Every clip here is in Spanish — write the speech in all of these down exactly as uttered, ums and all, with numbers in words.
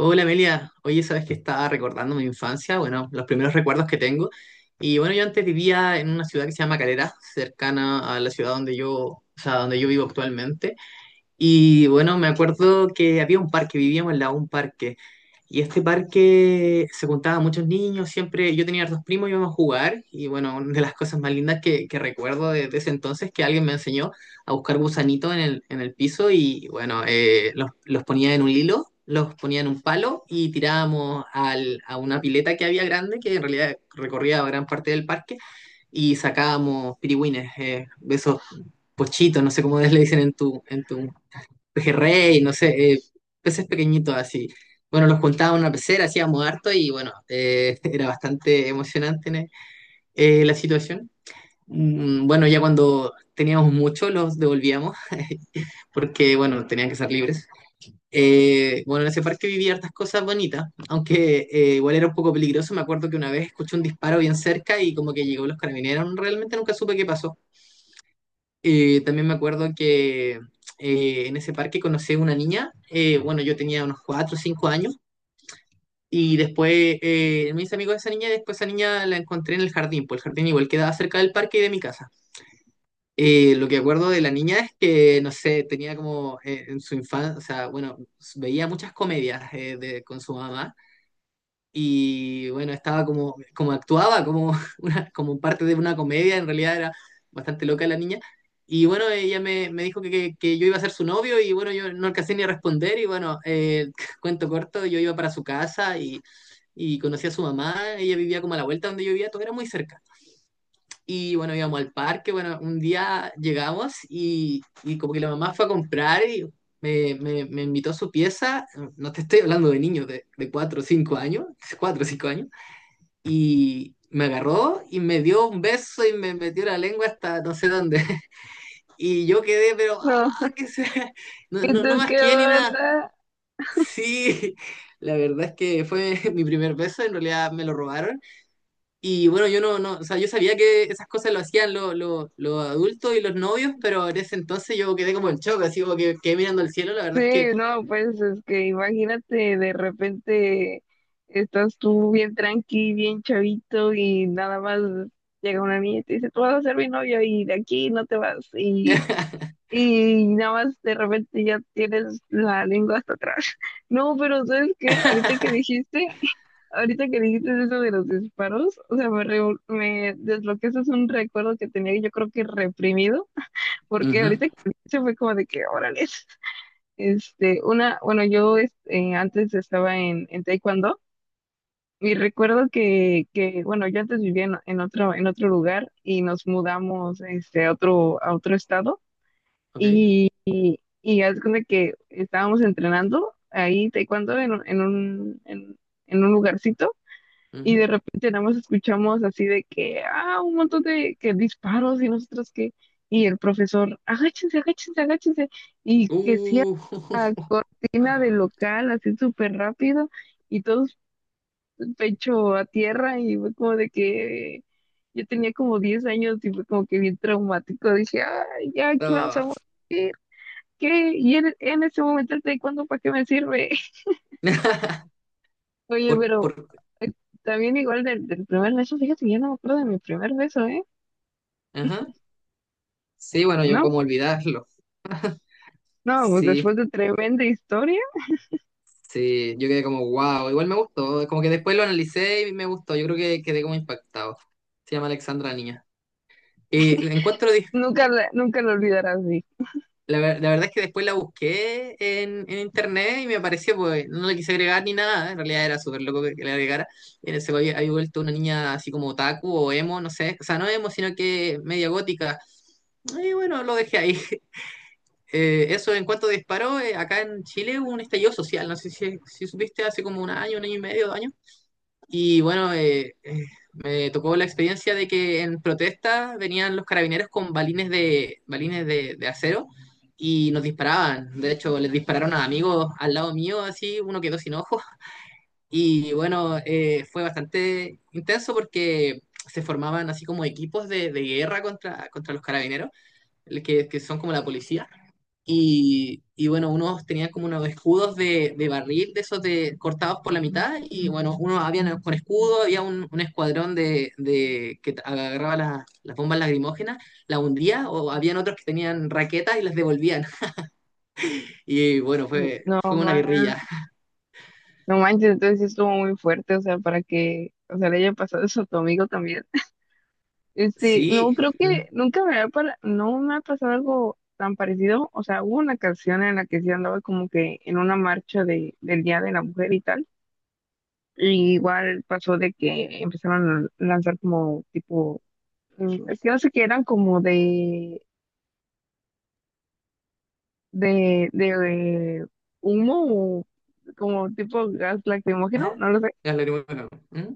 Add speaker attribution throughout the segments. Speaker 1: Hola Amelia, oye, sabes que estaba recordando mi infancia, bueno, los primeros recuerdos que tengo. Y bueno, yo antes vivía en una ciudad que se llama Calera, cercana a la ciudad donde yo, o sea, donde yo vivo actualmente. Y bueno, me acuerdo que había un parque, vivíamos en la un parque. Y este parque se juntaban muchos niños, siempre yo tenía dos primos, íbamos a jugar. Y bueno, una de las cosas más lindas que, que recuerdo de, de ese entonces es que alguien me enseñó a buscar gusanitos en el, en el piso y bueno, eh, los, los ponía en un hilo, los ponía en un palo y tirábamos al- a una pileta que había grande, que en realidad recorría gran parte del parque, y sacábamos pirigüines, eh, de esos pochitos, no sé cómo le dicen en tu, en tu pejerrey, no sé, eh, peces pequeñitos así. Bueno, los juntaba en una pecera, hacíamos harto y bueno, eh, era bastante emocionante ¿no? eh, la situación. Mm, Bueno, ya cuando teníamos mucho los devolvíamos porque, bueno, tenían que ser libres. Eh, bueno, en ese parque viví hartas cosas bonitas, aunque eh, igual era un poco peligroso. Me acuerdo que una vez escuché un disparo bien cerca y como que llegó los carabineros, realmente nunca supe qué pasó. Eh, también me acuerdo que eh, en ese parque conocí a una niña, eh, bueno, yo tenía unos cuatro o cinco años, y después eh, me hice amigo de esa niña, y después esa niña la encontré en el jardín, pues el jardín igual quedaba cerca del parque y de mi casa. Eh, lo que acuerdo de la niña es que, no sé, tenía como eh, en su infancia, o sea, bueno, veía muchas comedias eh, de- con su mamá, y bueno, estaba como, como actuaba, como, una, como parte de una comedia, en realidad era bastante loca la niña. Y bueno, ella me, me dijo que, que- que yo iba a ser su novio y bueno, yo no alcancé ni a responder y bueno, eh, cuento corto, yo iba para su casa y, y conocí a su mamá, ella vivía como a la vuelta donde yo vivía, todo era muy cerca. Y bueno, íbamos al parque, bueno, un día llegamos y, y como que la mamá fue a comprar y me, me, me invitó a su pieza, no te estoy hablando de niños de, de cuatro o cinco años, cuatro o cinco años y me agarró y me dio un beso y me metió la lengua hasta no sé dónde. Y yo quedé, pero,
Speaker 2: No,
Speaker 1: ah, que sea, no,
Speaker 2: ¿y
Speaker 1: no,
Speaker 2: tú
Speaker 1: no más
Speaker 2: qué
Speaker 1: quién ni nada.
Speaker 2: onda?
Speaker 1: Sí, la verdad es que fue mi primer beso, en realidad me lo robaron. Y bueno, yo no, no, o sea, yo sabía que esas cosas lo hacían lo- lo- los adultos y los novios, pero en ese entonces yo quedé como en shock, así como que quedé mirando al cielo, la
Speaker 2: Sí,
Speaker 1: verdad es que...
Speaker 2: no, pues es que imagínate, de repente estás tú bien tranqui, bien chavito y nada más llega una niña y te dice, tú vas a ser mi novio y de aquí no te vas, y, y nada más de repente ya tienes la lengua hasta atrás. No, pero ¿sabes qué? Ahorita que dijiste, ahorita que dijiste eso de los disparos, o sea, me, reu- me desbloqueaste un recuerdo que tenía, yo creo, que reprimido porque
Speaker 1: Ujú,
Speaker 2: ahorita que se fue como de que, órale, este, una, bueno, yo es- eh, antes estaba en, en Taekwondo y recuerdo que, que, bueno, yo antes vivía en, en otro, en otro lugar y nos mudamos, este, a otro, a otro estado
Speaker 1: ok,
Speaker 2: y, y, y haz de cuenta que estábamos entrenando ahí Taekwondo en, un- en un, en en un lugarcito y de
Speaker 1: ujú.
Speaker 2: repente nada más escuchamos así de que, ah, un montón de que disparos, y nosotros que... Y el profesor, agáchense, agáchense, agáchense, y que cierra
Speaker 1: Uh,
Speaker 2: cortina de local así súper rápido, y todos pecho a tierra, y fue como de que yo tenía como diez años y fue como que bien traumático. Dije, ay, ya aquí vamos a
Speaker 1: no.
Speaker 2: morir, ¿qué? Y en, en ese momento, el taekwondo, ¿para qué me sirve? Oye,
Speaker 1: Por, por,
Speaker 2: pero... eh, también, igual, del, del primer beso, fíjate que yo no me acuerdo de mi primer beso, ¿eh?
Speaker 1: ajá. Sí, bueno, yo
Speaker 2: No,
Speaker 1: como olvidarlo.
Speaker 2: no, pues
Speaker 1: Sí,
Speaker 2: después de tremenda historia,
Speaker 1: sí, yo quedé como wow, igual me gustó, como que después lo analicé y me gustó, yo creo que quedé como impactado. Se llama Alexandra la Niña. Y encuentro, dif-
Speaker 2: nunca, la- nunca lo olvidarás, dije.
Speaker 1: la, ver- la verdad es que después la busqué en, en internet y me apareció, pues no le quise agregar ni nada, en realidad era súper loco que, que le agregara. Y en ese había, había vuelto una niña así como otaku o emo, no sé, o sea, no emo, sino que media gótica. Y bueno, lo dejé ahí. Eh, eso en cuanto disparó, eh, acá en Chile hubo un estallido social, no sé si, si supiste hace como un año, un año y medio, dos años. Y bueno, eh, eh, me tocó la experiencia de que en protesta venían los carabineros con balines de, balines de, de acero y nos disparaban. De hecho, les dispararon a amigos al lado mío, así, uno quedó sin ojos. Y bueno, eh, fue bastante intenso porque se formaban así como equipos de, de guerra contra, contra los carabineros, que, que son como la policía y, y bueno, unos tenían como unos escudos de, de barril, de esos de, cortados por la mitad, y bueno, unos habían con escudo, había un, un escuadrón de, de que agarraba las, las bombas lagrimógenas, las hundía, o habían otros que tenían raquetas y las devolvían. Y bueno, fue,
Speaker 2: No,
Speaker 1: fue una
Speaker 2: ma,
Speaker 1: guerrilla.
Speaker 2: no manches, entonces sí estuvo muy fuerte, o sea, para que, o sea, le haya pasado eso a tu amigo también. Este, no,
Speaker 1: Sí.
Speaker 2: creo que
Speaker 1: ¿Mm?
Speaker 2: nunca me ha... Para, no me ha pasado algo tan parecido, o sea, hubo una canción en la que sí andaba como que en una marcha de, del Día de la Mujer y tal, y igual pasó de que empezaron a lanzar como tipo, mm, es que no sé qué, eran como de de, de humo, como tipo gas lacrimógeno,
Speaker 1: ¿Eh?
Speaker 2: no lo sé.
Speaker 1: Las lagrimógenas. ¿Mm?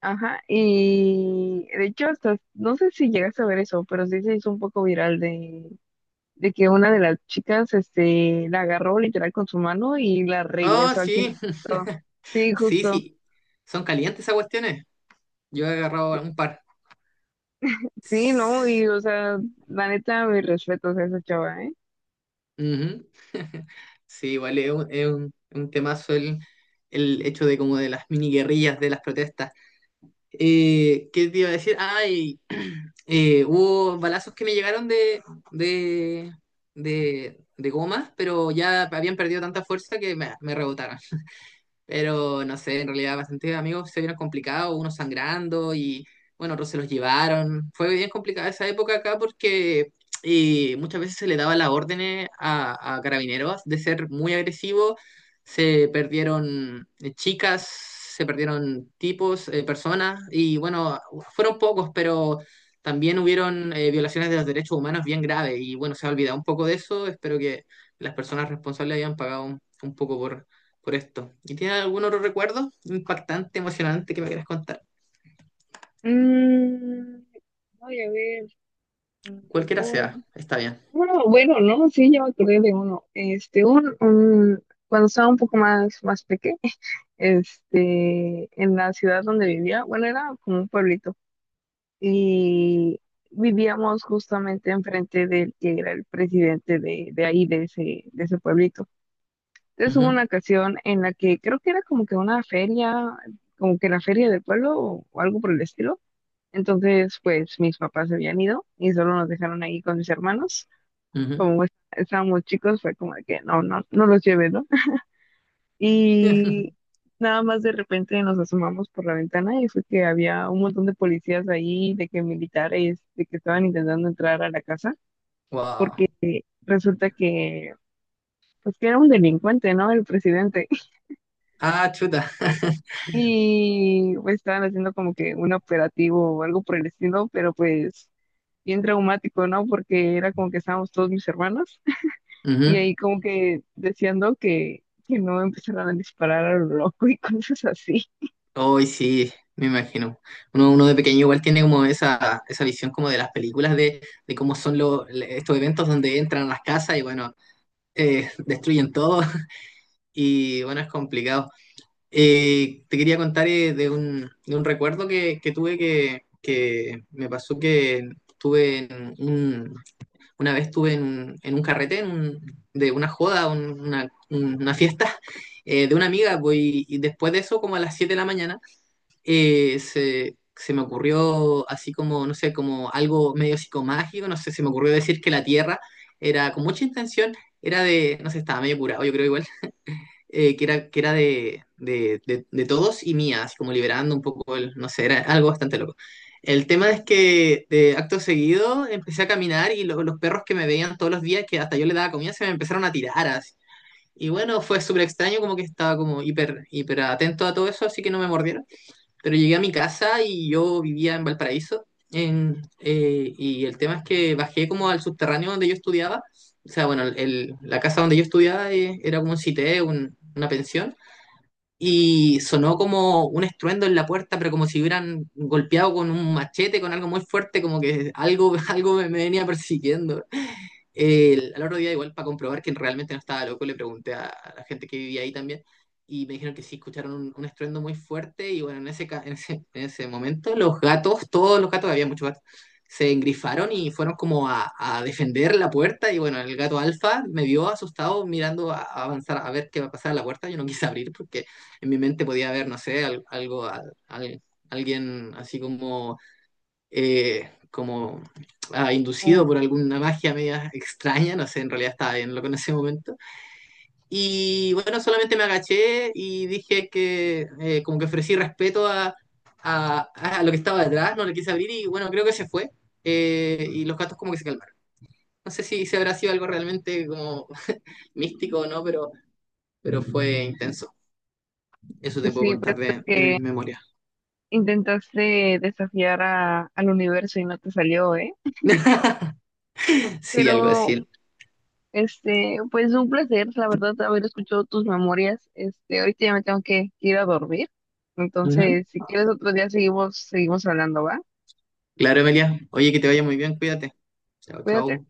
Speaker 2: Ajá, y de hecho, hasta, no sé si llegaste a ver eso, pero sí se hizo un poco viral de, de que una de las chicas, este, la agarró literal con su mano y la
Speaker 1: Oh,
Speaker 2: regresó aquí.
Speaker 1: sí,
Speaker 2: Sí,
Speaker 1: sí,
Speaker 2: justo.
Speaker 1: sí. Son calientes esas cuestiones. Yo he agarrado
Speaker 2: Sí,
Speaker 1: un par.
Speaker 2: sí, no, y o sea, la neta, mis respetos a esa chava, ¿eh?
Speaker 1: Ujú. Sí, igual es un, es un, un temazo el, el hecho de como de las mini guerrillas, de las protestas. Eh, ¿qué te iba a decir? Ay, eh, hubo balazos que me llegaron de, de, de, de gomas, pero ya habían perdido tanta fuerza que me, me rebotaron. Pero no sé, en realidad bastantes amigos se vieron complicados, unos sangrando y bueno, otros se los llevaron. Fue bien complicada esa época acá porque y muchas veces se le daba las órdenes a, a carabineros de ser muy agresivos. Se perdieron eh, chicas, se perdieron tipos, eh, personas y bueno, fueron pocos, pero también hubieron eh, violaciones de los derechos humanos bien graves y bueno, se ha olvidado un poco de eso. Espero que las personas responsables hayan pagado un, un poco por por esto. ¿Y tienes algún otro recuerdo impactante, emocionante que me quieras contar?
Speaker 2: Mm, voy a ver.
Speaker 1: Cualquiera sea, está bien.
Speaker 2: Bueno, bueno, no, sí, ya me acordé de uno. Este, un, un- cuando estaba un poco más, más pequeño, este, en la ciudad donde vivía, bueno, era como un pueblito, y vivíamos justamente enfrente del que era el presidente de, de ahí, de ese, de ese pueblito. Entonces hubo
Speaker 1: Ujú,
Speaker 2: una ocasión en la que creo que era como que una feria, como que la feria del pueblo o, o algo por el estilo. Entonces, pues mis papás se habían ido y solo nos dejaron ahí con mis hermanos,
Speaker 1: ujú.
Speaker 2: como es- estábamos chicos, fue como de que no, no, no los llevé, ¿no? Y nada más de repente nos asomamos por la ventana y fue que había un montón de policías ahí, de que militares, de que estaban intentando entrar a la casa,
Speaker 1: Wow.
Speaker 2: porque resulta que, pues que era un delincuente, ¿no? El presidente.
Speaker 1: Ah, chuta.
Speaker 2: Y pues estaban haciendo como que un operativo o algo por el estilo, pero pues bien traumático, ¿no? Porque era como que estábamos todos mis hermanos. Y
Speaker 1: Ujú.
Speaker 2: ahí como que deseando que, que no empezaran a disparar a lo loco y cosas así.
Speaker 1: Hoy sí, me imagino. Uno, uno de pequeño igual tiene como esa, esa visión como de las películas de, de cómo son los estos eventos donde entran a las casas y bueno, eh, destruyen todo y bueno, es complicado. Eh, te quería contar eh, de un, de un recuerdo que, que tuve que, que me pasó que tuve en un- una vez tuve en un, en un carrete en un- de una joda, un- una, una fiesta eh, de una amiga, pues, y, y después de eso, como a las siete de la mañana, eh, se, se me ocurrió así como, no sé, como algo medio psicomágico, no sé, se me ocurrió decir que la Tierra era con mucha intención, era de, no sé, estaba medio curado, yo creo igual eh, que era, que era de, de, de- de todos y mía, así como liberando un poco el, no sé, era algo bastante loco. El tema es que de acto seguido empecé a caminar y lo- los perros que me veían todos los días, que hasta yo les daba comida, se me empezaron a tirar así. Y bueno, fue súper extraño, como que estaba como hiper, hiper atento a todo eso, así que no me mordieron pero llegué a mi casa y yo vivía en Valparaíso. en- eh, y el tema es que bajé como al subterráneo donde yo estudiaba. O sea, bueno, el- la casa donde yo estudiaba eh, era como un cité, un- una pensión. Y sonó como un estruendo en la puerta, pero como si hubieran golpeado con un machete, con algo muy fuerte, como que algo, algo me, me venía persiguiendo. El- al otro día, igual, para comprobar que realmente no estaba loco, le pregunté a, a la gente que vivía ahí también y me dijeron que sí, escucharon un, un estruendo muy fuerte y bueno, en ese, ca- en ese, en ese momento los gatos, todos los gatos, había muchos gatos, se engrifaron y fueron como a, a defender la puerta y bueno, el gato alfa me vio asustado mirando a, a avanzar, a ver qué va a pasar a la puerta, yo no quise abrir porque en mi mente podía haber, no sé, al- algo, al- al- alguien así como eh, como ah, inducido
Speaker 2: Como...
Speaker 1: por alguna magia media extraña, no sé, en realidad estaba bien loco en ese momento. Y bueno, solamente me agaché y dije que eh, como que ofrecí respeto a, a- a lo que estaba detrás, no le quise abrir y bueno, creo que se fue. eh, y los gatos como que se calmaron. No sé si, si habrá sido algo realmente como místico o no, pero, pero fue intenso. Eso te puedo
Speaker 2: Sí,
Speaker 1: contar
Speaker 2: pues es
Speaker 1: de, de mis
Speaker 2: que
Speaker 1: memorias.
Speaker 2: intentaste desafiar a, al universo y no te salió, ¿eh?
Speaker 1: Sí, algo
Speaker 2: Pero,
Speaker 1: así.
Speaker 2: este, pues un placer, la verdad, haber escuchado tus memorias. Este, ahorita ya me tengo que ir a dormir.
Speaker 1: Ujú.
Speaker 2: Entonces, si quieres otro día seguimos, seguimos hablando, ¿va?
Speaker 1: Claro, Emilia. Oye, que te vaya muy bien, cuídate. Chao,
Speaker 2: Cuídate.
Speaker 1: chao.